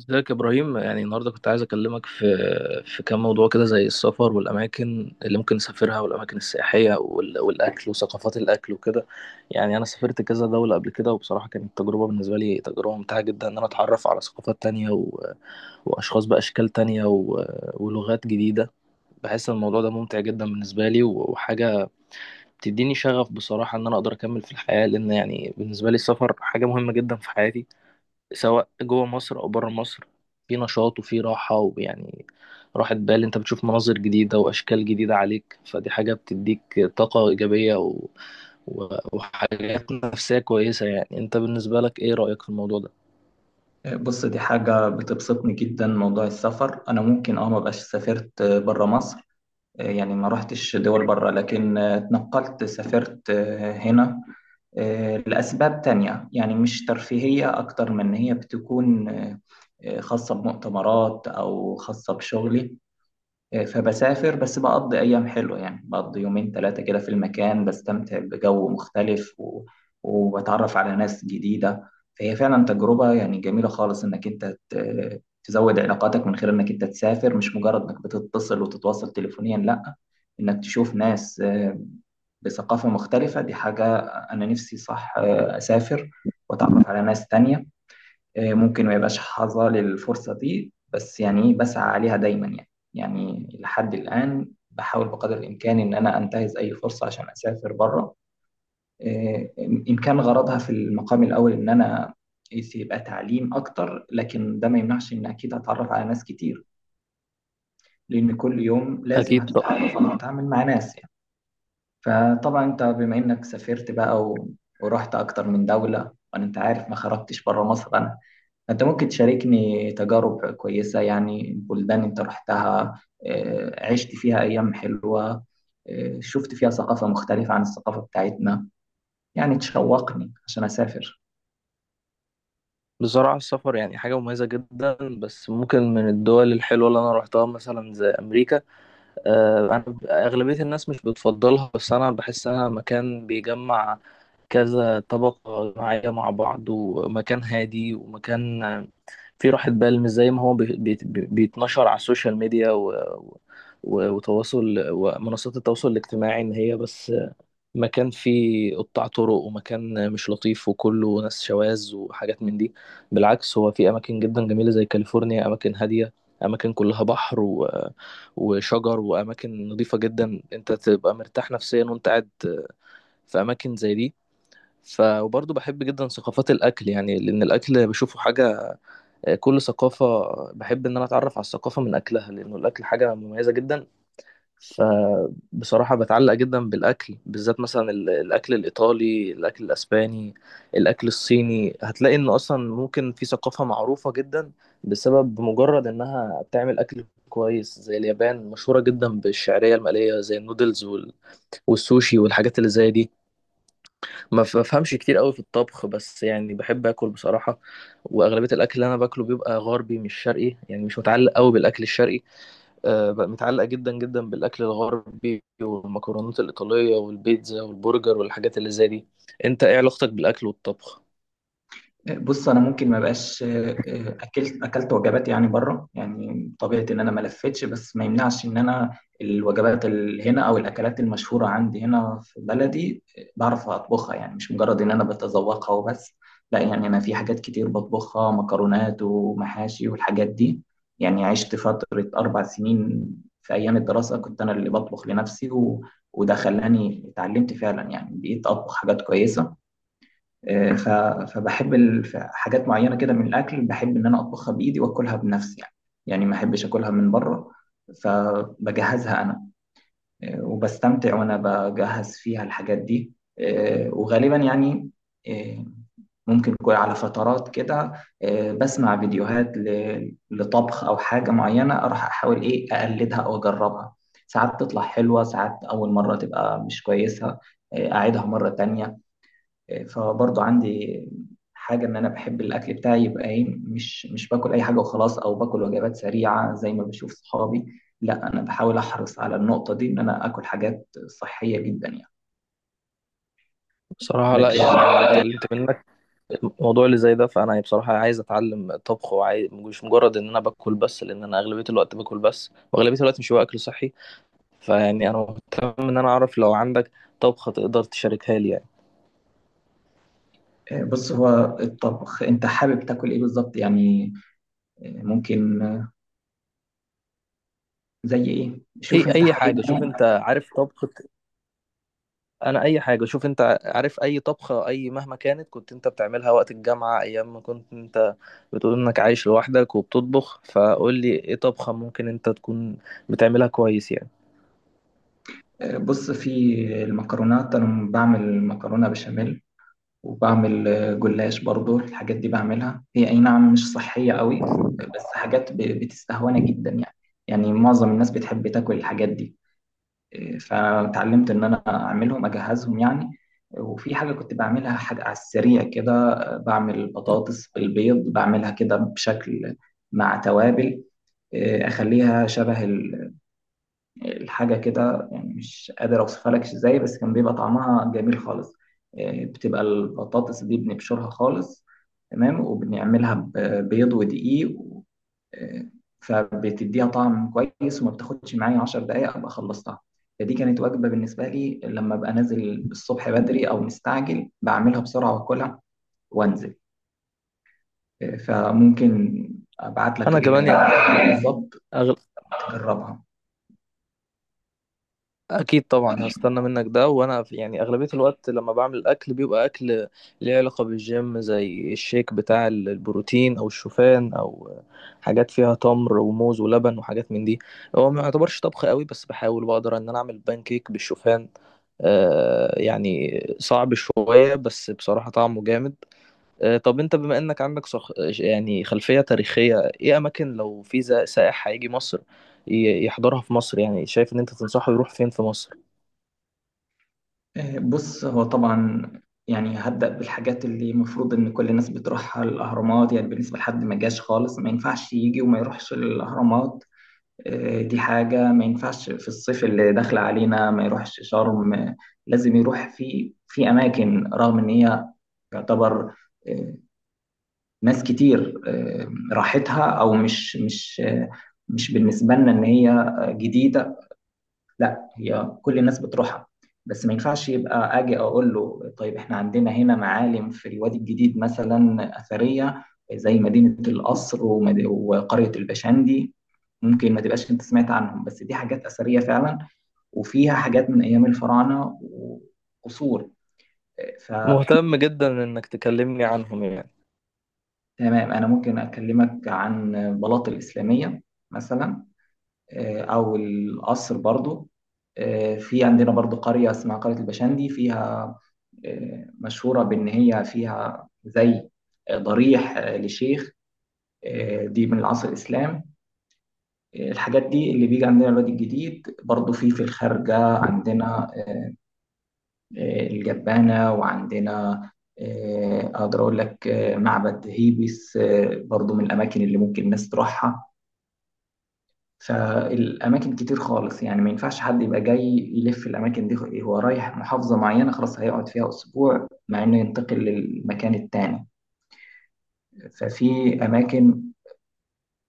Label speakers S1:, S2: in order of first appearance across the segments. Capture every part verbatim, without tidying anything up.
S1: ازيك يا ابراهيم؟ يعني النهارده كنت عايز اكلمك في في كام موضوع كده، زي السفر والاماكن اللي ممكن نسافرها، والاماكن السياحيه وال- والاكل وثقافات الاكل وكده. يعني انا سافرت كذا دوله قبل كده، وبصراحه كانت التجربه بالنسبه لي تجربه ممتعه جدا، ان انا اتعرف على ثقافات تانية و... واشخاص باشكال تانية و... ولغات جديده. بحس ان الموضوع ده ممتع جدا بالنسبه لي و- وحاجه بتديني شغف بصراحه، ان انا اقدر اكمل في الحياه، لان يعني بالنسبه لي السفر حاجه مهمه جدا في حياتي، سواء جوه مصر او بره مصر. في نشاط وفي راحه، ويعني راحه بال، انت بتشوف مناظر جديده واشكال جديده عليك، فدي حاجه بتديك طاقه ايجابيه و... و... وحاجات نفسيه كويسه. يعني انت بالنسبه لك، ايه رايك في الموضوع ده؟
S2: بص، دي حاجة بتبسطني جدا. موضوع السفر أنا ممكن أه مبقاش سافرت برا مصر. آه يعني ما رحتش دول برا، لكن اتنقلت سافرت آه هنا آه لأسباب تانية، يعني مش ترفيهية، أكتر من إن هي بتكون آه آه خاصة بمؤتمرات أو خاصة بشغلي. فبسافر، بس بقضي أيام حلوة، يعني بقضي يومين ثلاثة كده في المكان، بستمتع بجو مختلف و... وبتعرف على ناس جديدة. فهي فعلا تجربة يعني جميلة خالص إنك أنت ت... تزود علاقاتك من خلال إنك أنت تسافر، مش مجرد إنك بتتصل وتتواصل تليفونيا. لأ، إنك تشوف ناس آه، بثقافة مختلفة. دي حاجة أنا نفسي، صح. آه، أسافر وأتعرف على ناس تانية. آه، ممكن ما يبقاش حظى للفرصة دي، بس يعني إيه، بسعى عليها دايما يعني. يعني لحد الآن بحاول بقدر الإمكان إن أنا أنتهز أي فرصة عشان أسافر بره، آه، إن كان غرضها في المقام الأول إن أنا يبقى تعليم أكتر، لكن ده ما يمنعش إن أكيد هتعرف على ناس كتير، لأن كل يوم لازم
S1: اكيد. طب.
S2: هتتعرف أو هتتعامل مع ناس يعني. فطبعا أنت بما إنك سافرت بقى و- ورحت أكتر من دولة، وأنا أنت عارف ما خرجتش بره مصر، أنا أنت ممكن تشاركني تجارب كويسة، يعني بلدان أنت رحتها، آه، عشت فيها أيام حلوة، آه، شفت فيها ثقافة مختلفة عن الثقافة بتاعتنا، يعني تشوقني عشان أسافر.
S1: بصراحه السفر يعني حاجه مميزه جدا، بس ممكن من الدول الحلوه اللي انا روحتها مثلا زي امريكا. آه، انا اغلبيه الناس مش بتفضلها، بس انا بحس انها مكان بيجمع كذا طبقة جماعية مع بعض، ومكان هادي، ومكان فيه راحة بال، مش زي ما هو بي- بي- بيتنشر على السوشيال ميديا و... و... وتواصل ومنصات التواصل الاجتماعي، إن هي بس مكان فيه قطاع طرق ومكان مش لطيف وكله ناس شواذ وحاجات من دي. بالعكس، هو في أماكن جدا جميلة زي كاليفورنيا، أماكن هادية، أماكن كلها بحر و... وشجر، وأماكن نظيفة جدا، أنت تبقى مرتاح نفسيا وأنت قاعد في أماكن زي دي. ف وبرضه بحب جدا ثقافات الاكل، يعني لان الاكل بشوفه حاجه. آه، كل ثقافه بحب ان انا اتعرف على الثقافه من اكلها، لانه الاكل حاجه مميزه جدا. فبصراحه بتعلق جدا بالاكل، بالذات مثلا ال- الاكل الايطالي، الاكل الاسباني، الاكل الصيني. هتلاقي ان اصلا ممكن في ثقافه معروفه جدا بسبب بمجرد انها بتعمل اكل كويس، زي اليابان مشهوره جدا بالشعريه المقليه زي النودلز وال- والسوشي والحاجات اللي زي دي. ما ف- بفهمش كتير قوي في الطبخ، بس يعني بحب اكل بصراحه. واغلبيه الاكل اللي انا باكله بيبقى غربي مش شرقي، يعني مش متعلق قوي بالاكل الشرقي. أه، بقى متعلق جدا جدا بالاكل الغربي، والمكرونات الايطاليه والبيتزا والبرجر والحاجات اللي زي دي. انت ايه علاقتك بالاكل والطبخ؟
S2: بص انا ممكن ما بقاش آه، آه، اكلت اكلت وجبات يعني بره، يعني طبيعه ان انا ما لفتش، بس ما يمنعش ان انا الوجبات اللي هنا او الاكلات المشهوره عندي هنا في بلدي آه، بعرف اطبخها، يعني مش مجرد ان انا بتذوقها وبس، لا. يعني انا في حاجات كتير بطبخها، مكرونات ومحاشي والحاجات دي. يعني عشت فتره اربع سنين في ايام الدراسه كنت انا اللي بطبخ لنفسي، و... وده خلاني اتعلمت فعلا، يعني بقيت اطبخ حاجات كويسه. آه، ف- فبحب ال- ف- حاجات معينة كده من الأكل، بحب إن أنا أطبخها بإيدي وأكلها بنفسي يعني. يعني ما أحبش أكلها من بره، فبجهزها أنا. آه، وبستمتع وأنا بجهز فيها الحاجات دي. آه، وغالبا يعني آه، ممكن يكون على فترات كده. آه، بسمع فيديوهات ل- لطبخ أو حاجة معينة، أروح أحاول إيه أقلدها أو أجربها. ساعات تطلع حلوة، ساعات أول مرة تبقى مش كويسة، آه، أعيدها مرة تانية. فبرضو عندي حاجة إن أنا بحب الأكل بتاعي يبقى إيه، مش مش باكل أي حاجة وخلاص أو باكل وجبات سريعة زي ما بشوف صحابي، لا. أنا بحاول أحرص على النقطة دي، إن أنا آكل حاجات صحية جدا يعني.
S1: بصراحه لا،
S2: لكن
S1: يعني انا
S2: آه،
S1: اتعلمت منك الموضوع اللي زي ده. فانا يعني بصراحه عايز اتعلم طبخ، وعايز مش مجرد ان انا باكل بس، لان انا اغلبيه الوقت باكل بس، واغلبيه الوقت مش هو اكل صحي. فيعني انا مهتم ان انا اعرف، لو عندك طبخة تقدر تشاركها لي يعني.
S2: بص، هو الطبخ أنت حابب تاكل إيه بالظبط يعني؟ آه، ممكن آه، زي إيه،
S1: اي
S2: شوف أنت
S1: اي
S2: حابب
S1: حاجة، شوف انت
S2: إيه.
S1: عارف طبخة. انا اي حاجة، شوف انت عارف اي طبخة، اي مهما كانت كنت انت بتعملها وقت الجامعة، ايام ما كنت انت بتقول انك عايش لوحدك وبتطبخ. فقول لي ايه طبخة ممكن انت تكون بتعملها كويس يعني.
S2: آه، بص في المكرونات، أنا بعمل مكرونة بشاميل، وبعمل آه، جلاش برضو. الحاجات دي بعملها، هي أي نعم مش صحية قوي، بس حاجات ب- بتستهوانا جدا يعني، يعني معظم الناس بتحب تاكل الحاجات دي. آه، فتعلمت إن أنا أعملهم أجهزهم يعني. وفي حاجة كنت بعملها، حاجة على السريع كده، آه، بعمل بطاطس بالبيض، بعملها كده بشكل، مع توابل. آه، أخليها شبه الحاجة كده، يعني مش قادر أوصفها لك إزاي، بس كان بيبقى طعمها جميل خالص. آه، بتبقى البطاطس دي بنبشرها خالص، تمام، وبنعملها ببيض ودقيق و- آه، فبتديها طعم كويس، وما بتاخدش معايا عشر دقايق أبقى خلصتها. فدي كانت وجبة بالنسبة لي، لما أبقى نازل الصبح بدري أو مستعجل، بعملها بسرعة وأكلها وأنزل. آه، فممكن أبعت لك
S1: انا
S2: ال-
S1: كمان يعني
S2: بالظبط
S1: أغل...
S2: تجربها.
S1: اكيد طبعا هستنى منك ده. وانا في- يعني اغلبيه الوقت لما بعمل الاكل بيبقى اكل ليه علاقه بالجيم، زي الشيك بتاع ال- البروتين او الشوفان، او حاجات فيها تمر وموز ولبن وحاجات من دي. هو ما يعتبرش طبخ قوي، بس بحاول بقدر ان انا اعمل بانكيك بالشوفان. آه، يعني صعب شويه بس بصراحه طعمه جامد. آه، طب انت بما انك عندك صخ... يعني خلفيه تاريخيه، ايه اماكن لو في زا- سائح هيجي مصر ي- يحضرها في مصر، يعني شايف ان انت تنصحه يروح فين في مصر؟
S2: آه، بص هو طبعا يعني هبدأ بالحاجات اللي المفروض إن كل الناس بتروحها، الأهرامات، يعني بالنسبة لحد ما جاش خالص، ما ينفعش يجي وما يروحش الأهرامات. آه، دي حاجة ما ينفعش. في الصيف اللي داخل علينا ما يروحش شرم. آه، لازم يروح في في أماكن رغم إن هي يعتبر آه، ناس كتير آه، راحتها، أو مش مش آه، مش بالنسبة لنا إن هي آه، جديدة، لا هي كل الناس بتروحها. بس ما ينفعش يبقى اجي اقول له، طيب احنا عندنا هنا معالم في الوادي الجديد مثلا اثريه، زي مدينه القصر ومد- وقريه البشندي. ممكن ما تبقاش انت سمعت عنهم، بس دي حاجات اثريه فعلا وفيها حاجات من ايام الفراعنه وقصور. فتمام،
S1: مهتم جدا انك تكلمني عنهم يعني.
S2: انا ممكن اكلمك عن بلاط الاسلاميه مثلا، آه، او القصر برضو. آه، في عندنا برضو قرية اسمها قرية البشندي، فيها آه، مشهورة بإن هي فيها زي آه، ضريح آه، لشيخ. آه، دي من العصر الإسلام. آه، الحاجات دي اللي بيجي عندنا الوادي الجديد. برضو في في الخارجة عندنا آه، الجبانة، وعندنا آه، أقدر أقول لك آه، معبد هيبس آه، برضو، من الأماكن اللي ممكن الناس تروحها. فالاماكن كتير خالص، يعني ما ينفعش حد يبقى جاي يلف الاماكن دي، هو رايح محافظه معينه خلاص هيقعد فيها اسبوع مع انه ينتقل للمكان التاني. ففي اماكن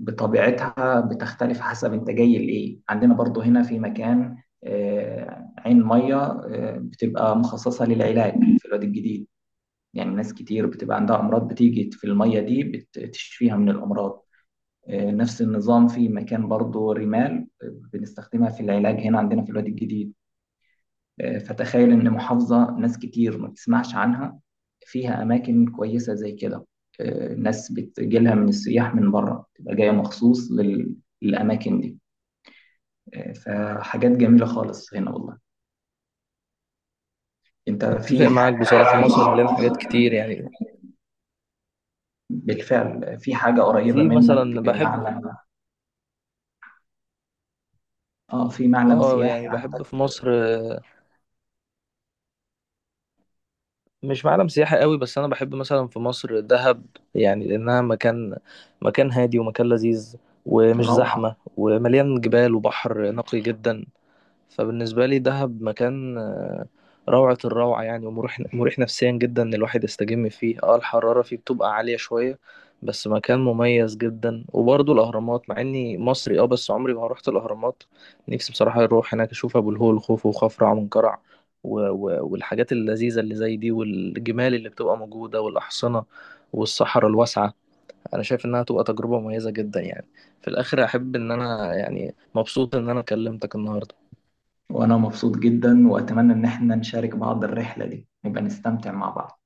S2: بطبيعتها بتختلف حسب انت جاي لايه. عندنا برضو هنا في مكان آه، عين ميه آه، بتبقى مخصصه للعلاج في الوادي الجديد، يعني ناس كتير بتبقى عندها امراض بتيجي في الميه دي بتشفيها من الامراض. آه، نفس النظام في مكان برضه رمال بنستخدمها في العلاج هنا عندنا في الوادي الجديد. آه، فتخيل إن محافظة ناس كتير ما تسمعش عنها فيها أماكن كويسة زي كده. آه، ناس بتجيلها من السياح من بره، تبقى جاية مخصوص لل- للأماكن دي. آه، فحاجات جميلة خالص هنا والله. أنت
S1: اتفق
S2: في
S1: معاك،
S2: حاجة
S1: بصراحة مصر مليانة حاجات كتير يعني.
S2: بالفعل، في حاجة قريبة
S1: في
S2: منك،
S1: مثلا بحب،
S2: معلم؟ اه، في معلم
S1: اه يعني
S2: سياحي
S1: بحب
S2: عندك؟
S1: في مصر. آه، مش معلم سياحي قوي، بس انا بحب مثلا في مصر دهب، يعني لانها مكان، مكان هادي، ومكان لذيذ، ومش زحمة،
S2: روعة.
S1: ومليان جبال، وبحر نقي جدا. فبالنسبة لي دهب مكان، آه، روعة الروعة يعني، ومريح مريح نفسيا جدا، إن الواحد يستجم فيه. اه الحرارة فيه بتبقى عالية شوية، بس مكان مميز جدا. وبرضه الأهرامات، مع إني مصري اه بس عمري ما روحت الأهرامات. نفسي بصراحة أروح هناك أشوف أبو الهول، خوفو وخفرع منقرع و... و... والحاجات اللذيذة اللي زي دي، والجمال اللي بتبقى موجودة، والأحصنة، والصحراء الواسعة. أنا شايف إنها تبقى تجربة مميزة جدا يعني. في الآخر أحب إن أنا، يعني مبسوط إن أنا كلمتك النهاردة.
S2: وأنا مبسوط جدا، وأتمنى إن احنا نشارك بعض الرحلة دي، نبقى نستمتع مع بعض.